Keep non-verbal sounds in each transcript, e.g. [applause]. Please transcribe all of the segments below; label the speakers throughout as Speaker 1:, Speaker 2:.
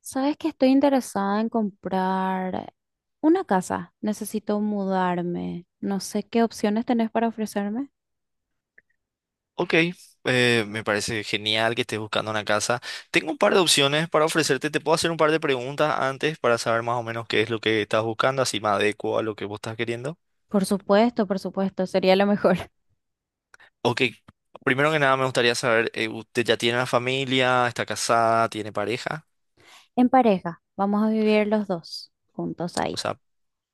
Speaker 1: Sabes que estoy interesada en comprar una casa. Necesito mudarme. No sé qué opciones tenés para ofrecerme.
Speaker 2: Ok, me parece genial que estés buscando una casa. Tengo un par de opciones para ofrecerte. Te puedo hacer un par de preguntas antes para saber más o menos qué es lo que estás buscando, así me adecuo a lo que vos estás queriendo.
Speaker 1: Por supuesto, sería lo mejor. [laughs]
Speaker 2: Ok, primero que nada me gustaría saber, ¿usted ya tiene una familia? ¿Está casada? ¿Tiene pareja?
Speaker 1: En pareja, vamos a vivir los dos juntos
Speaker 2: O
Speaker 1: ahí.
Speaker 2: sea,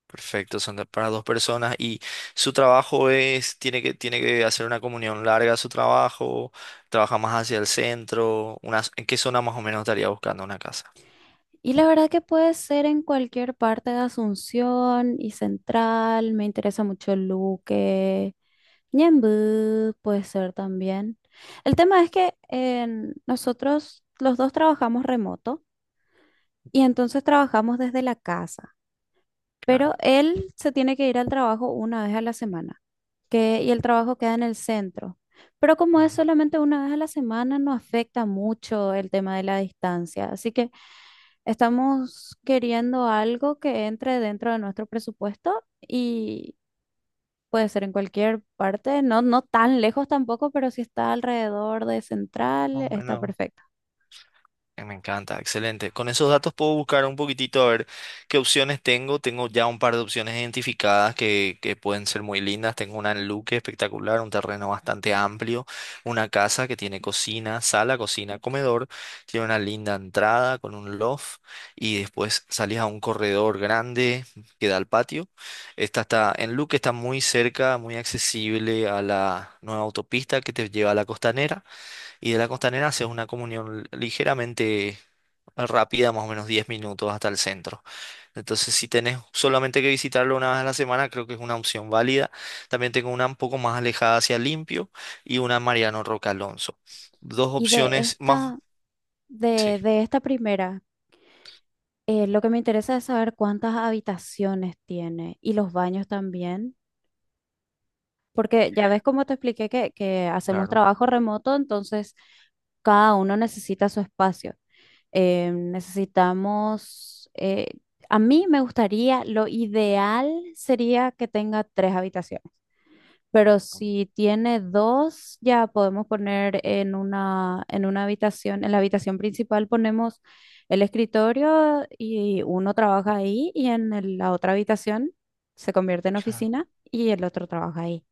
Speaker 2: perfecto, son para dos personas. ¿Y su trabajo tiene que hacer una comunión larga a su trabajo? ¿Trabaja más hacia el centro? ¿En qué zona más o menos estaría buscando una casa?
Speaker 1: Y la verdad que puede ser en cualquier parte de Asunción y Central. Me interesa mucho Luque, Ñemby puede ser también. El tema es que nosotros los dos trabajamos remoto. Y entonces trabajamos desde la casa.
Speaker 2: Claro.
Speaker 1: Pero él se tiene que ir al trabajo una vez a la semana, y el trabajo queda en el centro. Pero como
Speaker 2: Ujú.
Speaker 1: es solamente una vez a la semana, no afecta mucho el tema de la distancia. Así que estamos queriendo algo que entre dentro de nuestro presupuesto y puede ser en cualquier parte, no, no tan lejos tampoco, pero si está alrededor de Central,
Speaker 2: Más o
Speaker 1: está
Speaker 2: menos.
Speaker 1: perfecto.
Speaker 2: Me encanta, excelente. Con esos datos puedo buscar un poquitito a ver qué opciones tengo. Tengo ya un par de opciones identificadas que pueden ser muy lindas. Tengo una en Luque espectacular, un terreno bastante amplio, una casa que tiene cocina, sala, cocina, comedor. Tiene una linda entrada con un loft y después salís a un corredor grande que da al patio. Esta está en Luque, está muy cerca, muy accesible a la nueva autopista que te lleva a la costanera. Y de la Costanera haces una comunión ligeramente rápida, más o menos 10 minutos hasta el centro. Entonces, si tenés solamente que visitarlo una vez a la semana, creo que es una opción válida. También tengo una un poco más alejada hacia Limpio y una Mariano Roca Alonso. Dos
Speaker 1: Y de
Speaker 2: opciones más.
Speaker 1: esta,
Speaker 2: Sí,
Speaker 1: de, de esta primera. Lo que me interesa es saber cuántas habitaciones tiene y los baños también, porque ya ves como te expliqué que hacemos
Speaker 2: claro.
Speaker 1: trabajo remoto, entonces cada uno necesita su espacio. Necesitamos, a mí me gustaría, lo ideal sería que tenga tres habitaciones. Pero si tiene dos, ya podemos poner en una habitación, en la habitación principal ponemos el escritorio y uno trabaja ahí y en la otra habitación se convierte en oficina y el otro trabaja ahí.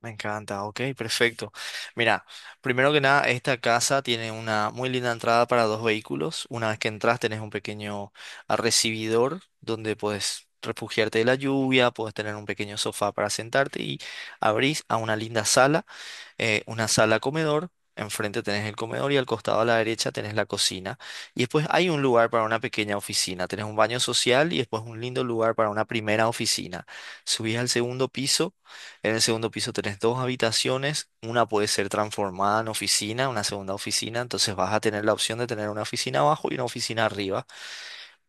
Speaker 2: Me encanta, ok, perfecto. Mira, primero que nada, esta casa tiene una muy linda entrada para dos vehículos. Una vez que entras, tenés un pequeño recibidor donde puedes refugiarte de la lluvia, puedes tener un pequeño sofá para sentarte y abrís a una linda sala, una sala comedor. Enfrente tenés el comedor y al costado a la derecha tenés la cocina. Y después hay un lugar para una pequeña oficina. Tenés un baño social y después un lindo lugar para una primera oficina. Subís al segundo piso. En el segundo piso tenés dos habitaciones, una puede ser transformada en oficina, una segunda oficina, entonces vas a tener la opción de tener una oficina abajo y una oficina arriba.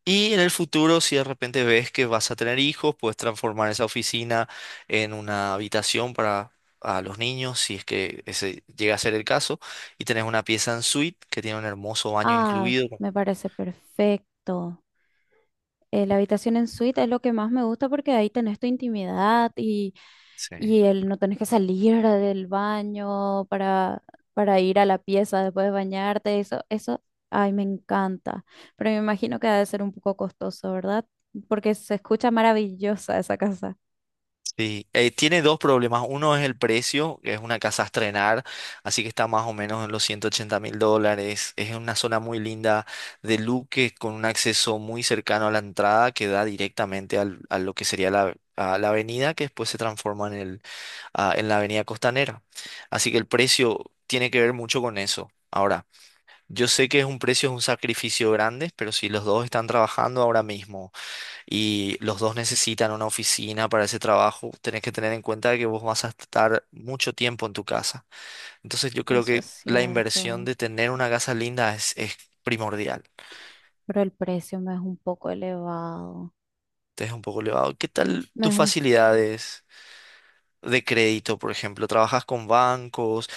Speaker 2: Y en el futuro, si de repente ves que vas a tener hijos, puedes transformar esa oficina en una habitación para a los niños, si es que ese llega a ser el caso, y tenés una pieza en suite que tiene un hermoso baño
Speaker 1: Ah,
Speaker 2: incluido.
Speaker 1: me parece perfecto. La habitación en suite es lo que más me gusta porque ahí tenés tu intimidad y,
Speaker 2: Sí.
Speaker 1: y no tenés que salir [laughs] del baño para, ir a la pieza después de bañarte. Eso, ay, me encanta. Pero me imagino que ha de ser un poco costoso, ¿verdad? Porque se escucha maravillosa esa casa.
Speaker 2: Sí, tiene dos problemas. Uno es el precio, que es una casa a estrenar, así que está más o menos en los 180 mil dólares. Es una zona muy linda de Luque con un acceso muy cercano a la entrada que da directamente a lo que sería a la avenida, que después se transforma en la avenida costanera. Así que el precio tiene que ver mucho con eso. Ahora, yo sé que es un sacrificio grande, pero si los dos están trabajando ahora mismo y los dos necesitan una oficina para ese trabajo, tenés que tener en cuenta que vos vas a estar mucho tiempo en tu casa. Entonces yo creo
Speaker 1: Eso es
Speaker 2: que la inversión
Speaker 1: cierto,
Speaker 2: de tener una casa linda es primordial.
Speaker 1: pero el precio me es un poco elevado.
Speaker 2: Entonces un poco elevado. ¿Qué tal
Speaker 1: Me es
Speaker 2: tus
Speaker 1: un.
Speaker 2: facilidades de crédito, por ejemplo? ¿Trabajas con bancos?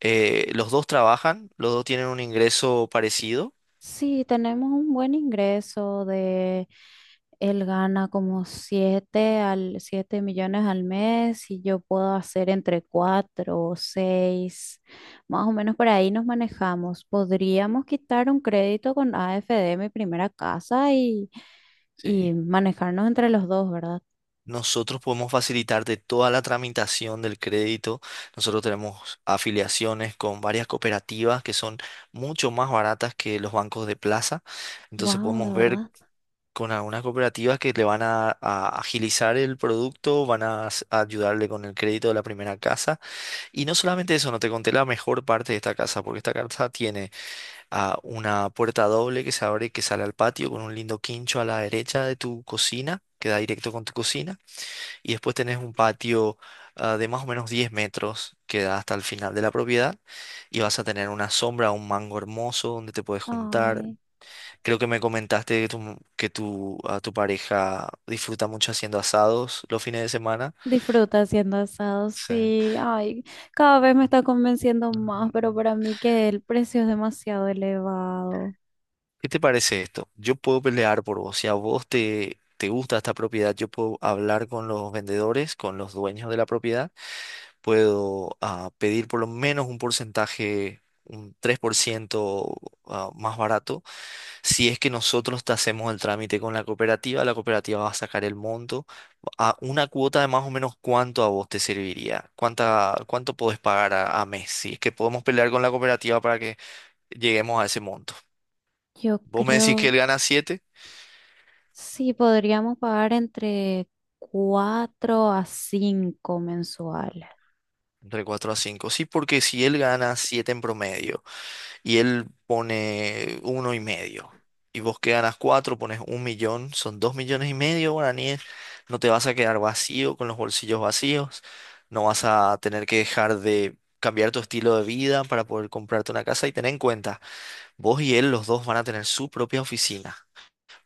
Speaker 2: ¿Los dos trabajan? ¿Los dos tienen un ingreso parecido?
Speaker 1: Sí, tenemos un buen ingreso de, él gana como 7 millones al mes y yo puedo hacer entre 4 o 6 más o menos por ahí nos manejamos. Podríamos quitar un crédito con AFD, mi primera casa, y
Speaker 2: Sí.
Speaker 1: manejarnos entre los dos, ¿verdad?
Speaker 2: Nosotros podemos facilitar de toda la tramitación del crédito. Nosotros tenemos afiliaciones con varias cooperativas que son mucho más baratas que los bancos de plaza. Entonces
Speaker 1: Wow, de
Speaker 2: podemos ver
Speaker 1: verdad.
Speaker 2: con algunas cooperativas que le van a agilizar el producto, van a ayudarle con el crédito de la primera casa. Y no solamente eso, no te conté la mejor parte de esta casa, porque esta casa tiene una puerta doble que se abre y que sale al patio con un lindo quincho a la derecha de tu cocina. Queda directo con tu cocina. Y después tenés un patio de más o menos 10 metros que da hasta el final de la propiedad. Y vas a tener una sombra, un mango hermoso donde te puedes juntar.
Speaker 1: Ay.
Speaker 2: Creo que me comentaste a tu pareja disfruta mucho haciendo asados los fines de semana.
Speaker 1: Disfruta haciendo asados,
Speaker 2: Sí.
Speaker 1: sí. Ay, cada vez me está convenciendo más,
Speaker 2: Ajá.
Speaker 1: pero para mí que el precio es demasiado elevado.
Speaker 2: ¿Qué te parece esto? Yo puedo pelear por vos. Si a vos te gusta esta propiedad, yo puedo hablar con los vendedores, con los dueños de la propiedad puedo pedir por lo menos un porcentaje, un 3% más barato. Si es que nosotros te hacemos el trámite con la cooperativa va a sacar el monto a una cuota de más o menos cuánto a vos te serviría, cuánto podés pagar a mes. Si es que podemos pelear con la cooperativa para que lleguemos a ese monto.
Speaker 1: Yo
Speaker 2: Vos me decís que
Speaker 1: creo,
Speaker 2: él gana siete,
Speaker 1: sí, podríamos pagar entre 4 a 5 mensuales.
Speaker 2: entre 4 a cinco. Sí, porque si él gana 7 en promedio y él pone uno y medio. Y vos que ganas cuatro, pones un millón, son dos millones y medio guaraníes. No te vas a quedar vacío con los bolsillos vacíos. No vas a tener que dejar de cambiar tu estilo de vida para poder comprarte una casa. Y ten en cuenta, vos y él, los dos van a tener su propia oficina.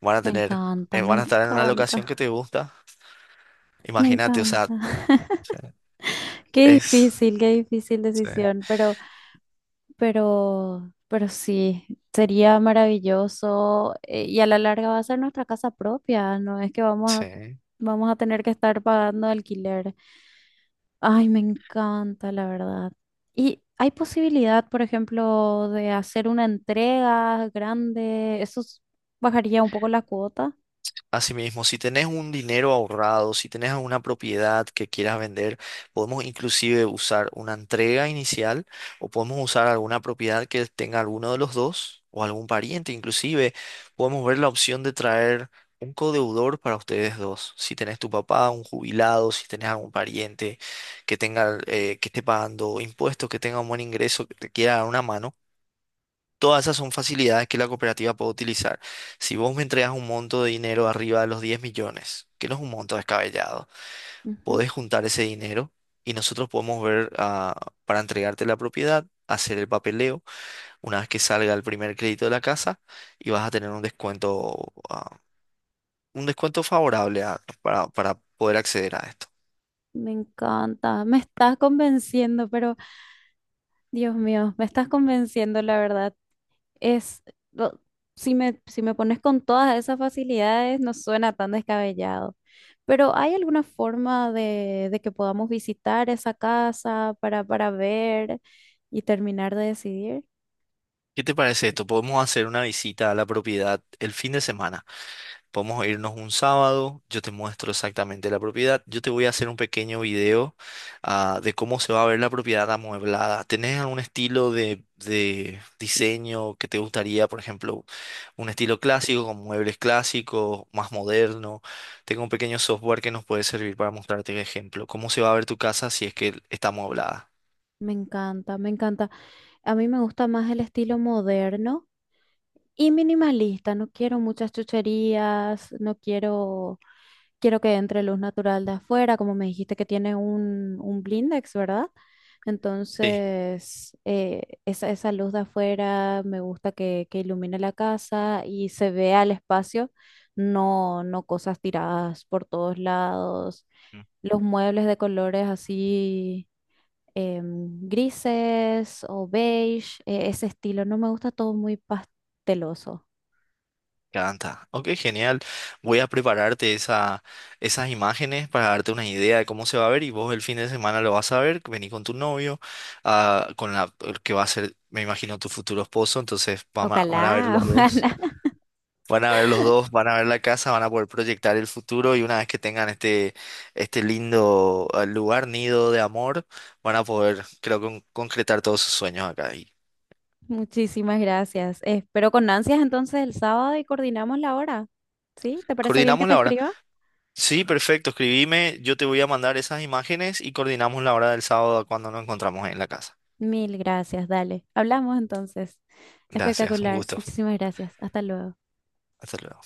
Speaker 2: Van a
Speaker 1: Me
Speaker 2: tener,
Speaker 1: encanta, me
Speaker 2: van a estar en una locación que
Speaker 1: encanta,
Speaker 2: te gusta.
Speaker 1: me
Speaker 2: Imagínate, o sea,
Speaker 1: encanta.
Speaker 2: sí,
Speaker 1: [laughs]
Speaker 2: es...
Speaker 1: Qué difícil
Speaker 2: sí.
Speaker 1: decisión, pero. Pero sí, sería maravilloso y a la larga va a ser nuestra casa propia, no es que vamos a,
Speaker 2: Sí.
Speaker 1: vamos a tener que estar pagando alquiler. Ay, me encanta, la verdad. ¿Y hay posibilidad, por ejemplo, de hacer una entrega grande? ¿Eso bajaría un poco la cuota?
Speaker 2: Asimismo, si tenés un dinero ahorrado, si tenés alguna propiedad que quieras vender, podemos inclusive usar una entrega inicial o podemos usar alguna propiedad que tenga alguno de los dos o algún pariente. Inclusive podemos ver la opción de traer un codeudor para ustedes dos. Si tenés tu papá, un jubilado, si tenés algún pariente que esté pagando impuestos, que tenga un buen ingreso, que te quiera dar una mano. Todas esas son facilidades que la cooperativa puede utilizar. Si vos me entregas un monto de dinero arriba de los 10 millones, que no es un monto descabellado,
Speaker 1: Ujú.
Speaker 2: podés juntar ese dinero y nosotros podemos ver para entregarte la propiedad, hacer el papeleo una vez que salga el primer crédito de la casa y vas a tener un descuento favorable para poder acceder a esto.
Speaker 1: Me encanta, me estás convenciendo, pero Dios mío, me estás convenciendo, la verdad. Es, lo- si me, si me pones con todas esas facilidades, no suena tan descabellado. Pero ¿hay alguna forma de que podamos visitar esa casa para, ver y terminar de decidir?
Speaker 2: ¿Qué te parece esto? Podemos hacer una visita a la propiedad el fin de semana. Podemos irnos un sábado, yo te muestro exactamente la propiedad, yo te voy a hacer un pequeño video de cómo se va a ver la propiedad amueblada. ¿Tenés algún estilo de diseño que te gustaría, por ejemplo, un estilo clásico con muebles clásicos, más moderno? Tengo un pequeño software que nos puede servir para mostrarte el ejemplo, cómo se va a ver tu casa si es que está amueblada.
Speaker 1: Me encanta, me encanta. A mí me gusta más el estilo moderno y minimalista. No quiero muchas chucherías, no quiero que entre luz natural de afuera, como me dijiste que tiene un blindex, ¿verdad?
Speaker 2: Sí.
Speaker 1: Entonces, esa luz de afuera me gusta que ilumine la casa y se vea el espacio, no, no cosas tiradas por todos lados. Los muebles de colores así grises o beige, ese estilo, no me gusta todo muy pasteloso.
Speaker 2: Canta. Ok, genial. Voy a prepararte esas imágenes para darte una idea de cómo se va a ver y vos el fin de semana lo vas a ver. Vení con tu novio, con la el que va a ser, me imagino, tu futuro esposo. Entonces van a ver
Speaker 1: Ojalá,
Speaker 2: los
Speaker 1: [laughs]
Speaker 2: dos.
Speaker 1: ojalá.
Speaker 2: Van a ver los dos, van a ver la casa, van a poder proyectar el futuro y una vez que tengan este lindo lugar, nido de amor, van a poder, creo, concretar todos sus sueños acá. Y
Speaker 1: Muchísimas gracias. Espero con ansias entonces el sábado y coordinamos la hora. ¿Sí? ¿Te parece bien que
Speaker 2: coordinamos
Speaker 1: te
Speaker 2: la hora.
Speaker 1: escriba?
Speaker 2: Sí, perfecto, escribime, yo te voy a mandar esas imágenes y coordinamos la hora del sábado cuando nos encontramos en la casa.
Speaker 1: Mil gracias, dale. Hablamos entonces.
Speaker 2: Gracias, un
Speaker 1: Espectacular.
Speaker 2: gusto.
Speaker 1: Muchísimas gracias. Hasta luego.
Speaker 2: Hasta luego.